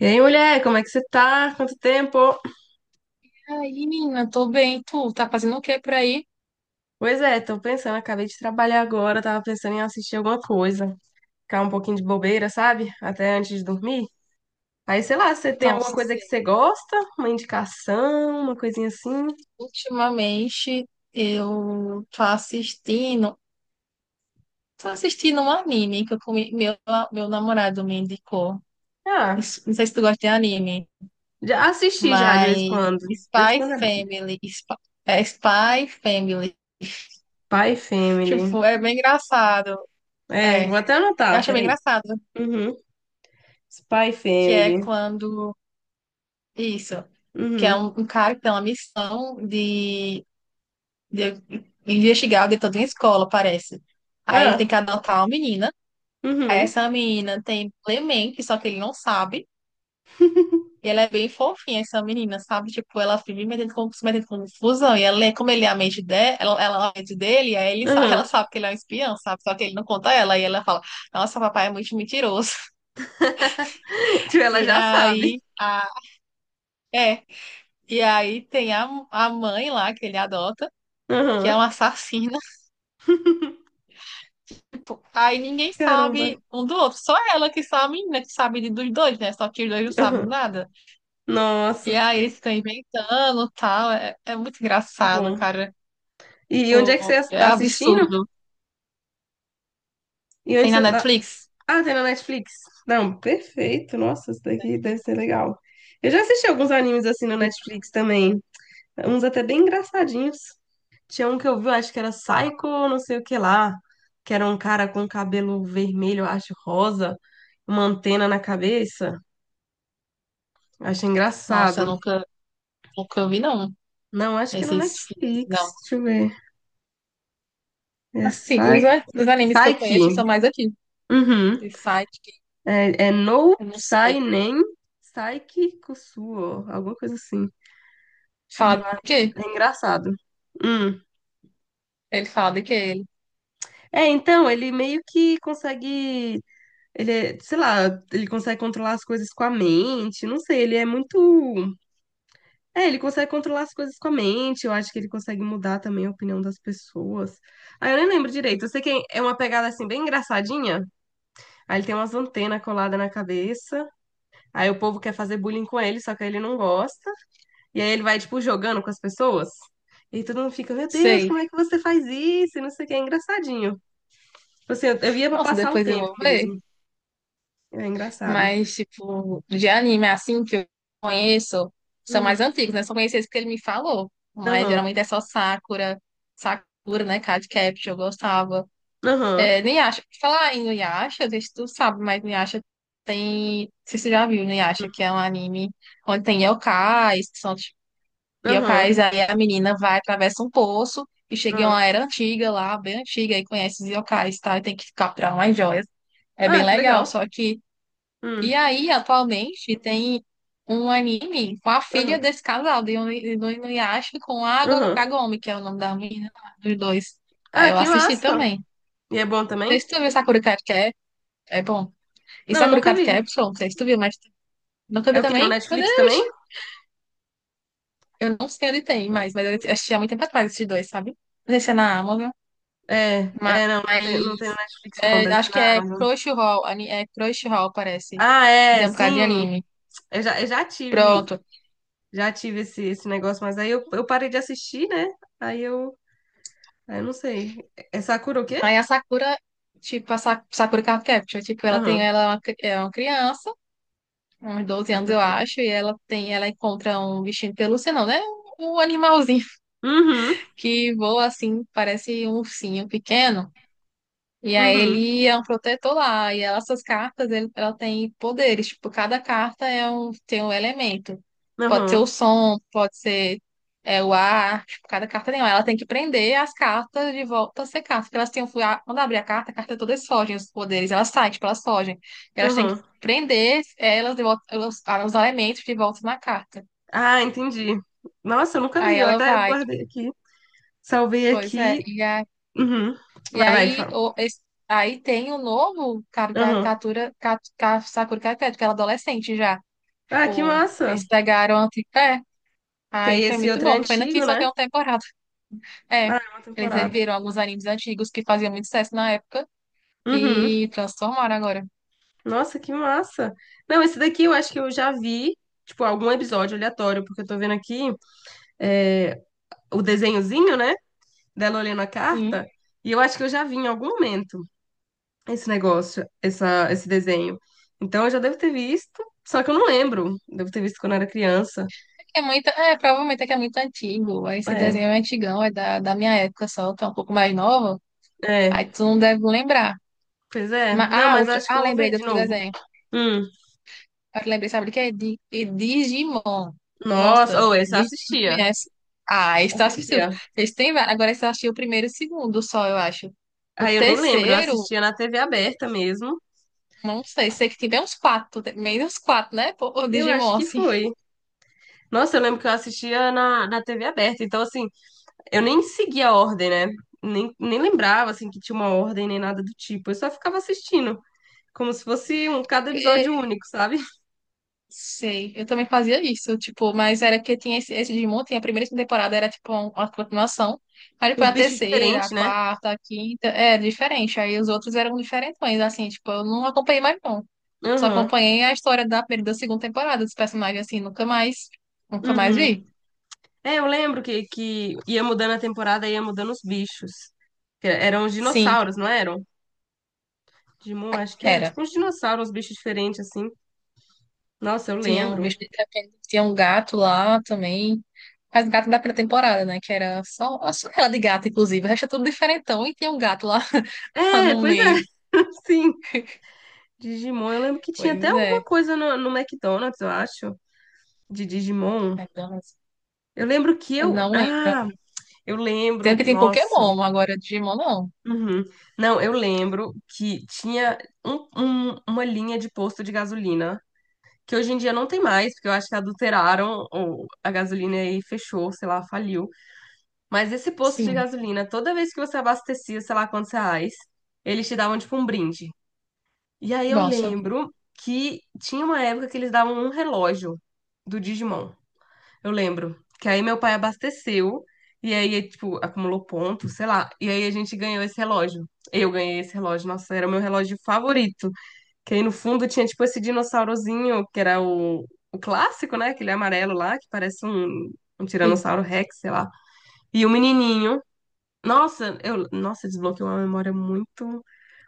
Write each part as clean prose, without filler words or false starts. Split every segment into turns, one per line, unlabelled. E aí, mulher, como é que você tá? Quanto tempo?
Ai, menina, tô bem. Tu tá fazendo o que por aí?
Pois é, tô pensando, acabei de trabalhar agora, tava pensando em assistir alguma coisa, ficar um pouquinho de bobeira, sabe? Até antes de dormir. Aí, sei lá, você tem alguma
Nossa,
coisa que
sei.
você gosta? Uma indicação, uma coisinha assim?
Ultimamente eu tô assistindo um anime que eu comi, meu namorado me indicou.
Ah,
Não sei se tu gosta de anime,
já assisti já de vez em
mas
quando. De vez em quando é bom.
É Spy Family.
Spy Family.
Tipo, é bem engraçado.
É,
É,
vou
eu
até anotar,
acho bem
peraí.
engraçado
Uhum. Spy
que
Family.
isso, que é
Uhum.
um cara que tem uma missão de investigar o dentro de uma escola, parece. Aí ele tem
Ah,
que adotar uma menina. Aí
uhum.
essa menina tem Clemente, só que ele não sabe. E ela é bem fofinha, essa menina, sabe? Tipo, ela vive se metendo com confusão. E ela é, como ele é a mente dela, ela é a mente dele, aí ela
Uhum.
sabe que ele é um espião, sabe? Só que ele não conta ela. E ela fala, nossa, papai é muito mentiroso.
Tipo, ela
E
já sabe.
aí, é. E aí tem a mãe lá que ele adota, que
Uhum.
é uma assassina. Tipo, aí ninguém
Caramba.
sabe um do outro. Só ela que sabe, né? Que sabe dos dois, né? Só que os dois não sabem de
Uhum.
nada.
Nossa.
E aí eles ficam inventando e tal. É muito
Tá
engraçado,
bom.
cara.
E onde é que você
Pô, é
está assistindo?
absurdo.
E onde
Tem na
você tá?
Netflix?
Ah, tem na Netflix. Não, perfeito. Nossa, isso daqui deve ser legal. Eu já assisti alguns animes assim na
Tipo,
Netflix também. Uns até bem engraçadinhos. Tinha um que eu vi, eu acho que era Psycho, não sei o que lá. Que era um cara com cabelo vermelho, eu acho, rosa, uma antena na cabeça. Achei
nossa, eu
engraçado.
nunca vi, não.
Não, acho que é na
Esses,
Netflix.
não.
Deixa eu ver. É
Assim,
Psyche.
os animes que eu conheço
Psyche.
são mais aqui.
Uhum.
De site que
É, é no
eu não
sai
sei.
nem sai que suo, alguma coisa assim.
Fala de
Mas
quê?
é engraçado. Hum.
Ele fala de quê? Ele.
É, então, ele meio que consegue, sei lá, ele consegue controlar as coisas com a mente, não sei, ele é muito, é, ele consegue controlar as coisas com a mente, eu acho que ele consegue mudar também a opinião das pessoas. Ah, eu nem lembro direito, eu sei que é uma pegada, assim, bem engraçadinha, aí ele tem umas antenas coladas na cabeça, aí o povo quer fazer bullying com ele, só que aí ele não gosta. E aí ele vai, tipo, jogando com as pessoas. E aí todo mundo fica, meu Deus,
Sei.
como é que você faz isso? E não sei o que, é engraçadinho. Tipo assim, eu ia pra
Nossa,
passar o
depois eu
tempo
vou ver.
mesmo. É engraçado.
Mas, tipo, de anime assim que eu conheço, são mais
Uhum.
antigos, né? Só conheci esse que ele me falou. Mas
Aham.
geralmente é só Sakura, né? Card Capture, eu gostava.
Aham.
É, Inuyasha, falar em Inuyasha, não sei se tu sabe, mas Inuyasha tem. Não sei se tu já viu Inuyasha, que é um anime onde tem yokais, que são tipo,
Aham.
yokais, aí a menina vai, atravessa um poço e chega em
Aham.
uma era antiga lá, bem antiga, e conhece os yokais, tá? E tem que capturar umas joias. É bem
Ah, que
legal,
legal.
só que.
Hum.
E aí, atualmente, tem um anime com a filha
Aham.
desse casal, do Inuyasha com a
Aham.
Kagome, que é o nome da menina, lá, dos dois. Aí
Ah,
eu
que
assisti
massa.
também.
E é bom
Não sei
também?
se tu viu Sakura Card Cap, é bom. E
Não,
Sakura
nunca
Card
vi.
Capsule, não sei se tu viu, mas nunca
É
vi
o quê? No
também? Meu
Netflix
Deus!
também?
Eu não sei onde tem mais, mas eu assisti há muito tempo atrás esses dois, sabe? Não sei se é na Amazon,
É,
mas
é, não, não tem no Netflix não,
é,
deve ser
acho que
na
é
Amazon.
Crunchyroll, parece.
Ah, é,
Tem um bocado de
sim.
anime.
Eu já tive
Pronto.
esse negócio, mas aí eu parei de assistir, né? Aí eu, aí eu não sei. É Sakura o quê?
Aí a Sakura, tipo, a Sakura Card Capture, tipo,
Aham.
ela é uma criança, uns 12 anos, eu
Catoquei.
acho, e ela encontra um bichinho de pelúcia, não, né? Um animalzinho
Uhum,
que voa assim, parece um ursinho pequeno. E aí
uhum,
ele é um protetor lá, e essas cartas, ela tem poderes, tipo, cada carta é um, tem um elemento. Pode ser
aham,
o som, pode ser o ar, tipo, cada carta tem um. Ela tem que prender as cartas de volta a ser cartas, porque elas têm, quando abrir a carta todas fogem, os poderes, elas saem, tipo, elas fogem. Elas têm que
aham.
prender elas de volta, os elementos de volta na carta.
Ah, entendi. Nossa, eu nunca vi,
Aí
eu
ela
até
vai,
guardei aqui. Salvei
pois é,
aqui. Uhum.
e
Vai,
aí,
fala.
aí tem o novo cara,
Aham.
caricatura, Sakura Caricatura, que ela é adolescente já.
Ah, que
Tipo,
massa.
eles pegaram anti. É,
Que
aí
aí
foi
esse
muito
outro é
bom. Pena que
antigo,
só
né?
tem uma temporada. É,
Ah, é uma
eles
temporada.
viram alguns animes antigos que faziam muito sucesso na época
Uhum.
e transformaram agora.
Nossa, que massa. Não, esse daqui eu acho que eu já vi, tipo, algum episódio aleatório, porque eu tô vendo aqui é, o desenhozinho, né? Dela olhando a
Sim.
carta, e eu acho que eu já vi em algum momento esse negócio, esse desenho. Então eu já devo ter visto, só que eu não lembro. Devo ter visto quando eu era criança.
É muito, provavelmente é que é muito antigo. Esse
É,
desenho é antigão, é da minha época só, que é um pouco mais novo.
é,
Aí tu não deve lembrar.
pois é.
Mas,
Não,
ah,
mas
outro,
acho que
ah,
eu vou
lembrei
ver
de
de
outro
novo.
desenho.
Hum,
Eu lembrei, sabe de quê? De Digimon.
nossa,
Nossa,
ou esse eu
Tu
assistia.
conhece? Ah, esse tu assistiu.
Assistia.
Esse tem vários. Agora esse eu achei o primeiro e o segundo só, eu acho. O
Aí eu nem lembro, eu
terceiro,
assistia na TV aberta mesmo.
não sei, sei que tem bem uns quatro, meio uns quatro, né? Pô, o
Eu acho
Digimon,
que
assim.
foi. Nossa, eu lembro que eu assistia na TV aberta. Então, assim, eu nem seguia a ordem, né? Nem lembrava, assim, que tinha uma ordem nem nada do tipo. Eu só ficava assistindo. Como se fosse um cada episódio único, sabe?
Sei, eu também fazia isso, tipo, mas era que tinha esse Digimon, tinha a primeira e segunda temporada, era tipo uma continuação, aí depois
Os
a
bichos
terceira,
diferentes,
a
né?
quarta, a quinta, é diferente, aí os outros eram diferentões, assim, tipo, eu não acompanhei mais não, só
Aham.
acompanhei a história da primeira e da segunda temporada dos personagens, assim, nunca mais
Uhum.
vi.
É, eu lembro que ia mudando a temporada, ia mudando os bichos. Que eram os
Sim,
dinossauros, não eram? Digimon, acho que era
era,
tipo uns dinossauros, uns bichos diferentes, assim. Nossa, eu
tinha um
lembro.
bicho de repente, tinha um gato lá também, mas gato da primeira temporada, né, que era só a ela de gato, inclusive, o resto é tudo diferentão, e tinha um gato lá, lá
É,
no
pois é.
meio.
Sim. Digimon, eu lembro que tinha até
Pois
alguma
é.
coisa no McDonald's, eu acho, de Digimon.
McDonald's.
Eu lembro que
Eu
eu.
não lembro.
Ah, eu
Tanto
lembro.
que tem
Nossa.
Pokémon, agora Digimon não.
Uhum. Não, eu lembro que tinha uma linha de posto de gasolina, que hoje em dia não tem mais, porque eu acho que adulteraram a gasolina e fechou, sei lá, faliu. Mas esse posto de
Sim.
gasolina, toda vez que você abastecia, sei lá quantos reais, eles te davam tipo um brinde. E aí eu
Nossa.
lembro que tinha uma época que eles davam um relógio do Digimon. Eu lembro. Que aí meu pai abasteceu e aí, tipo, acumulou pontos, sei lá. E aí a gente ganhou esse relógio. Eu ganhei esse relógio. Nossa, era o meu relógio favorito. Que aí no fundo tinha, tipo, esse dinossaurozinho, que era o clássico, né? Aquele amarelo lá, que parece um
Sim.
Tiranossauro Rex, sei lá. E o menininho. Nossa, eu, nossa, desbloqueou uma memória muito,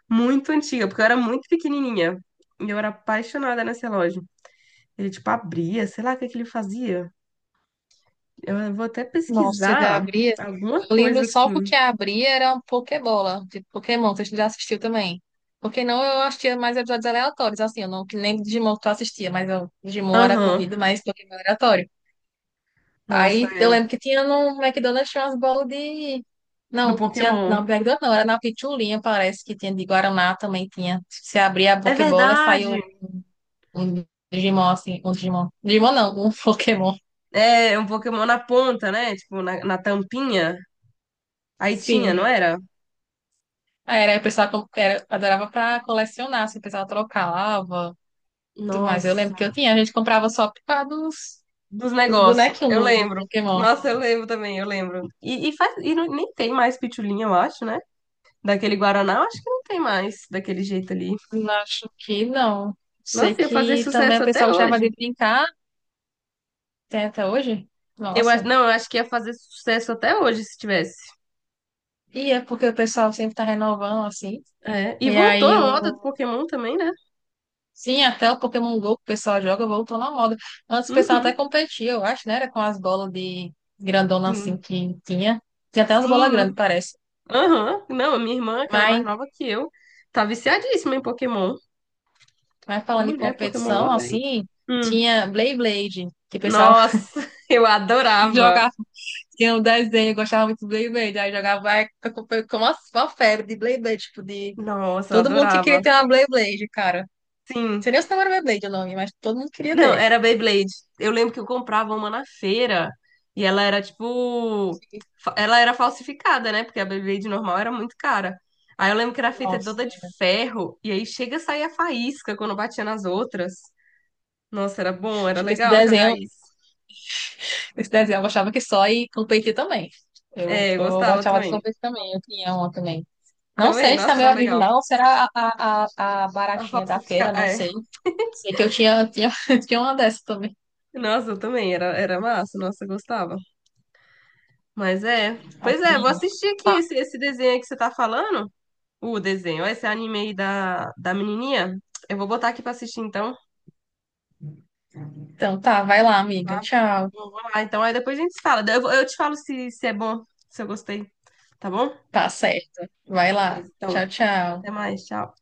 muito antiga, porque eu era muito pequenininha. E eu era apaixonada nesse relógio. Ele, tipo, abria, sei lá o que que ele fazia. Eu vou até
Nossa, da
pesquisar
abria.
alguma
Eu
coisa
lembro só
assim.
porque a abria era uma Pokébola, de Pokémon, você já assistiu também. Porque não, eu assistia mais episódios aleatórios, assim, eu não que lembro de Digimon que tu assistia, mas eu, Digimon era
Aham.
corrido, mas Pokémon era aleatório.
Nossa,
Aí eu
é.
lembro que tinha no McDonald's tinha umas bolas de.
Do
Não, tinha na
Pokémon.
McDonald's não, era na Pichulinha, parece que tinha de Guaraná também tinha. Se abria a
É
Pokébola,
verdade.
saiu um Digimon, assim, um Digimon. Digimon não, um Pokémon.
É um Pokémon na ponta, né? Tipo, na tampinha. Aí tinha, não
Sim.
era?
Aí o pessoal adorava pra colecionar, assim, o pessoal trocava, tudo mais. Eu lembro
Nossa.
que eu tinha, a gente comprava só por causa dos,
Dos
dos
negócios.
bonequinhos
Eu
do
lembro.
Pokémon.
Nossa, eu lembro também, eu lembro. E nem tem mais pitulinha, eu acho, né? Daquele Guaraná, eu acho que não tem mais daquele jeito ali.
Não acho que não. Sei
Nossa, ia fazer
que também
sucesso
o pessoal
até
gostava de
hoje.
brincar, tem até hoje.
Eu acho,
Nossa.
não, eu acho que ia fazer sucesso até hoje se tivesse.
E é porque o pessoal sempre tá renovando, assim.
É, e
E
voltou
aí
a
eu
moda do Pokémon também, né?
Sim, até o Pokémon Go que o pessoal joga voltou na moda. Antes o pessoal até
Uhum.
competia, eu acho, né? Era com as bolas de grandona assim
Sim.
que tinha. Tinha até umas bolas
Sim.
grandes, parece.
Aham. Não, a minha irmã, que ela é mais
Mas,
nova que eu, tá viciadíssima em Pokémon.
mas, falando em
Mulher, Pokémon mó
competição,
bem.
assim,
Hum.
tinha Beyblade, que o pessoal
Nossa, eu adorava.
jogava, tinha um desenho, eu gostava muito do Beyblade, aí jogava ai, com uma febre de Beyblade, tipo, de
Nossa, eu
todo mundo que queria
adorava.
ter uma Beyblade, cara. Não
Sim.
sei nem se não era Beyblade o nome, mas todo mundo queria
Não,
ter.
era Beyblade. Eu lembro que eu comprava uma na feira e ela era tipo. Ela era falsificada, né? Porque a Beyblade normal era muito cara. Aí eu lembro que era feita
Nossa,
toda de ferro e aí chega a sair a faísca quando batia nas outras. Nossa, era bom, era
tipo, esse
legal jogar
desenho
isso.
Esse desenho eu gostava que só e competir também. Eu,
É, eu
eu
gostava
gostava de
também.
competir também, eu tinha uma também. Não
Também,
sei se
nossa,
também
era
é
legal.
original ou será a
A
baratinha da feira,
falsificar,
não
é.
sei. Sei que eu tinha, tinha uma dessa também.
Nossa, eu também, era, era massa, nossa, eu gostava. Mas é. Pois
Mas,
é, vou
menina.
assistir aqui
Ah,
esse, esse desenho aí que você tá falando. O desenho. Esse anime aí da menininha. Eu vou botar aqui pra assistir então.
então tá, vai lá, amiga.
Tá?
Tchau.
Vou lá. Então aí depois a gente se fala. Eu te falo se, se é bom, se eu gostei. Tá bom?
Tá certo. Vai
Beleza,
lá. Tchau,
então. Até
tchau.
mais. Tchau.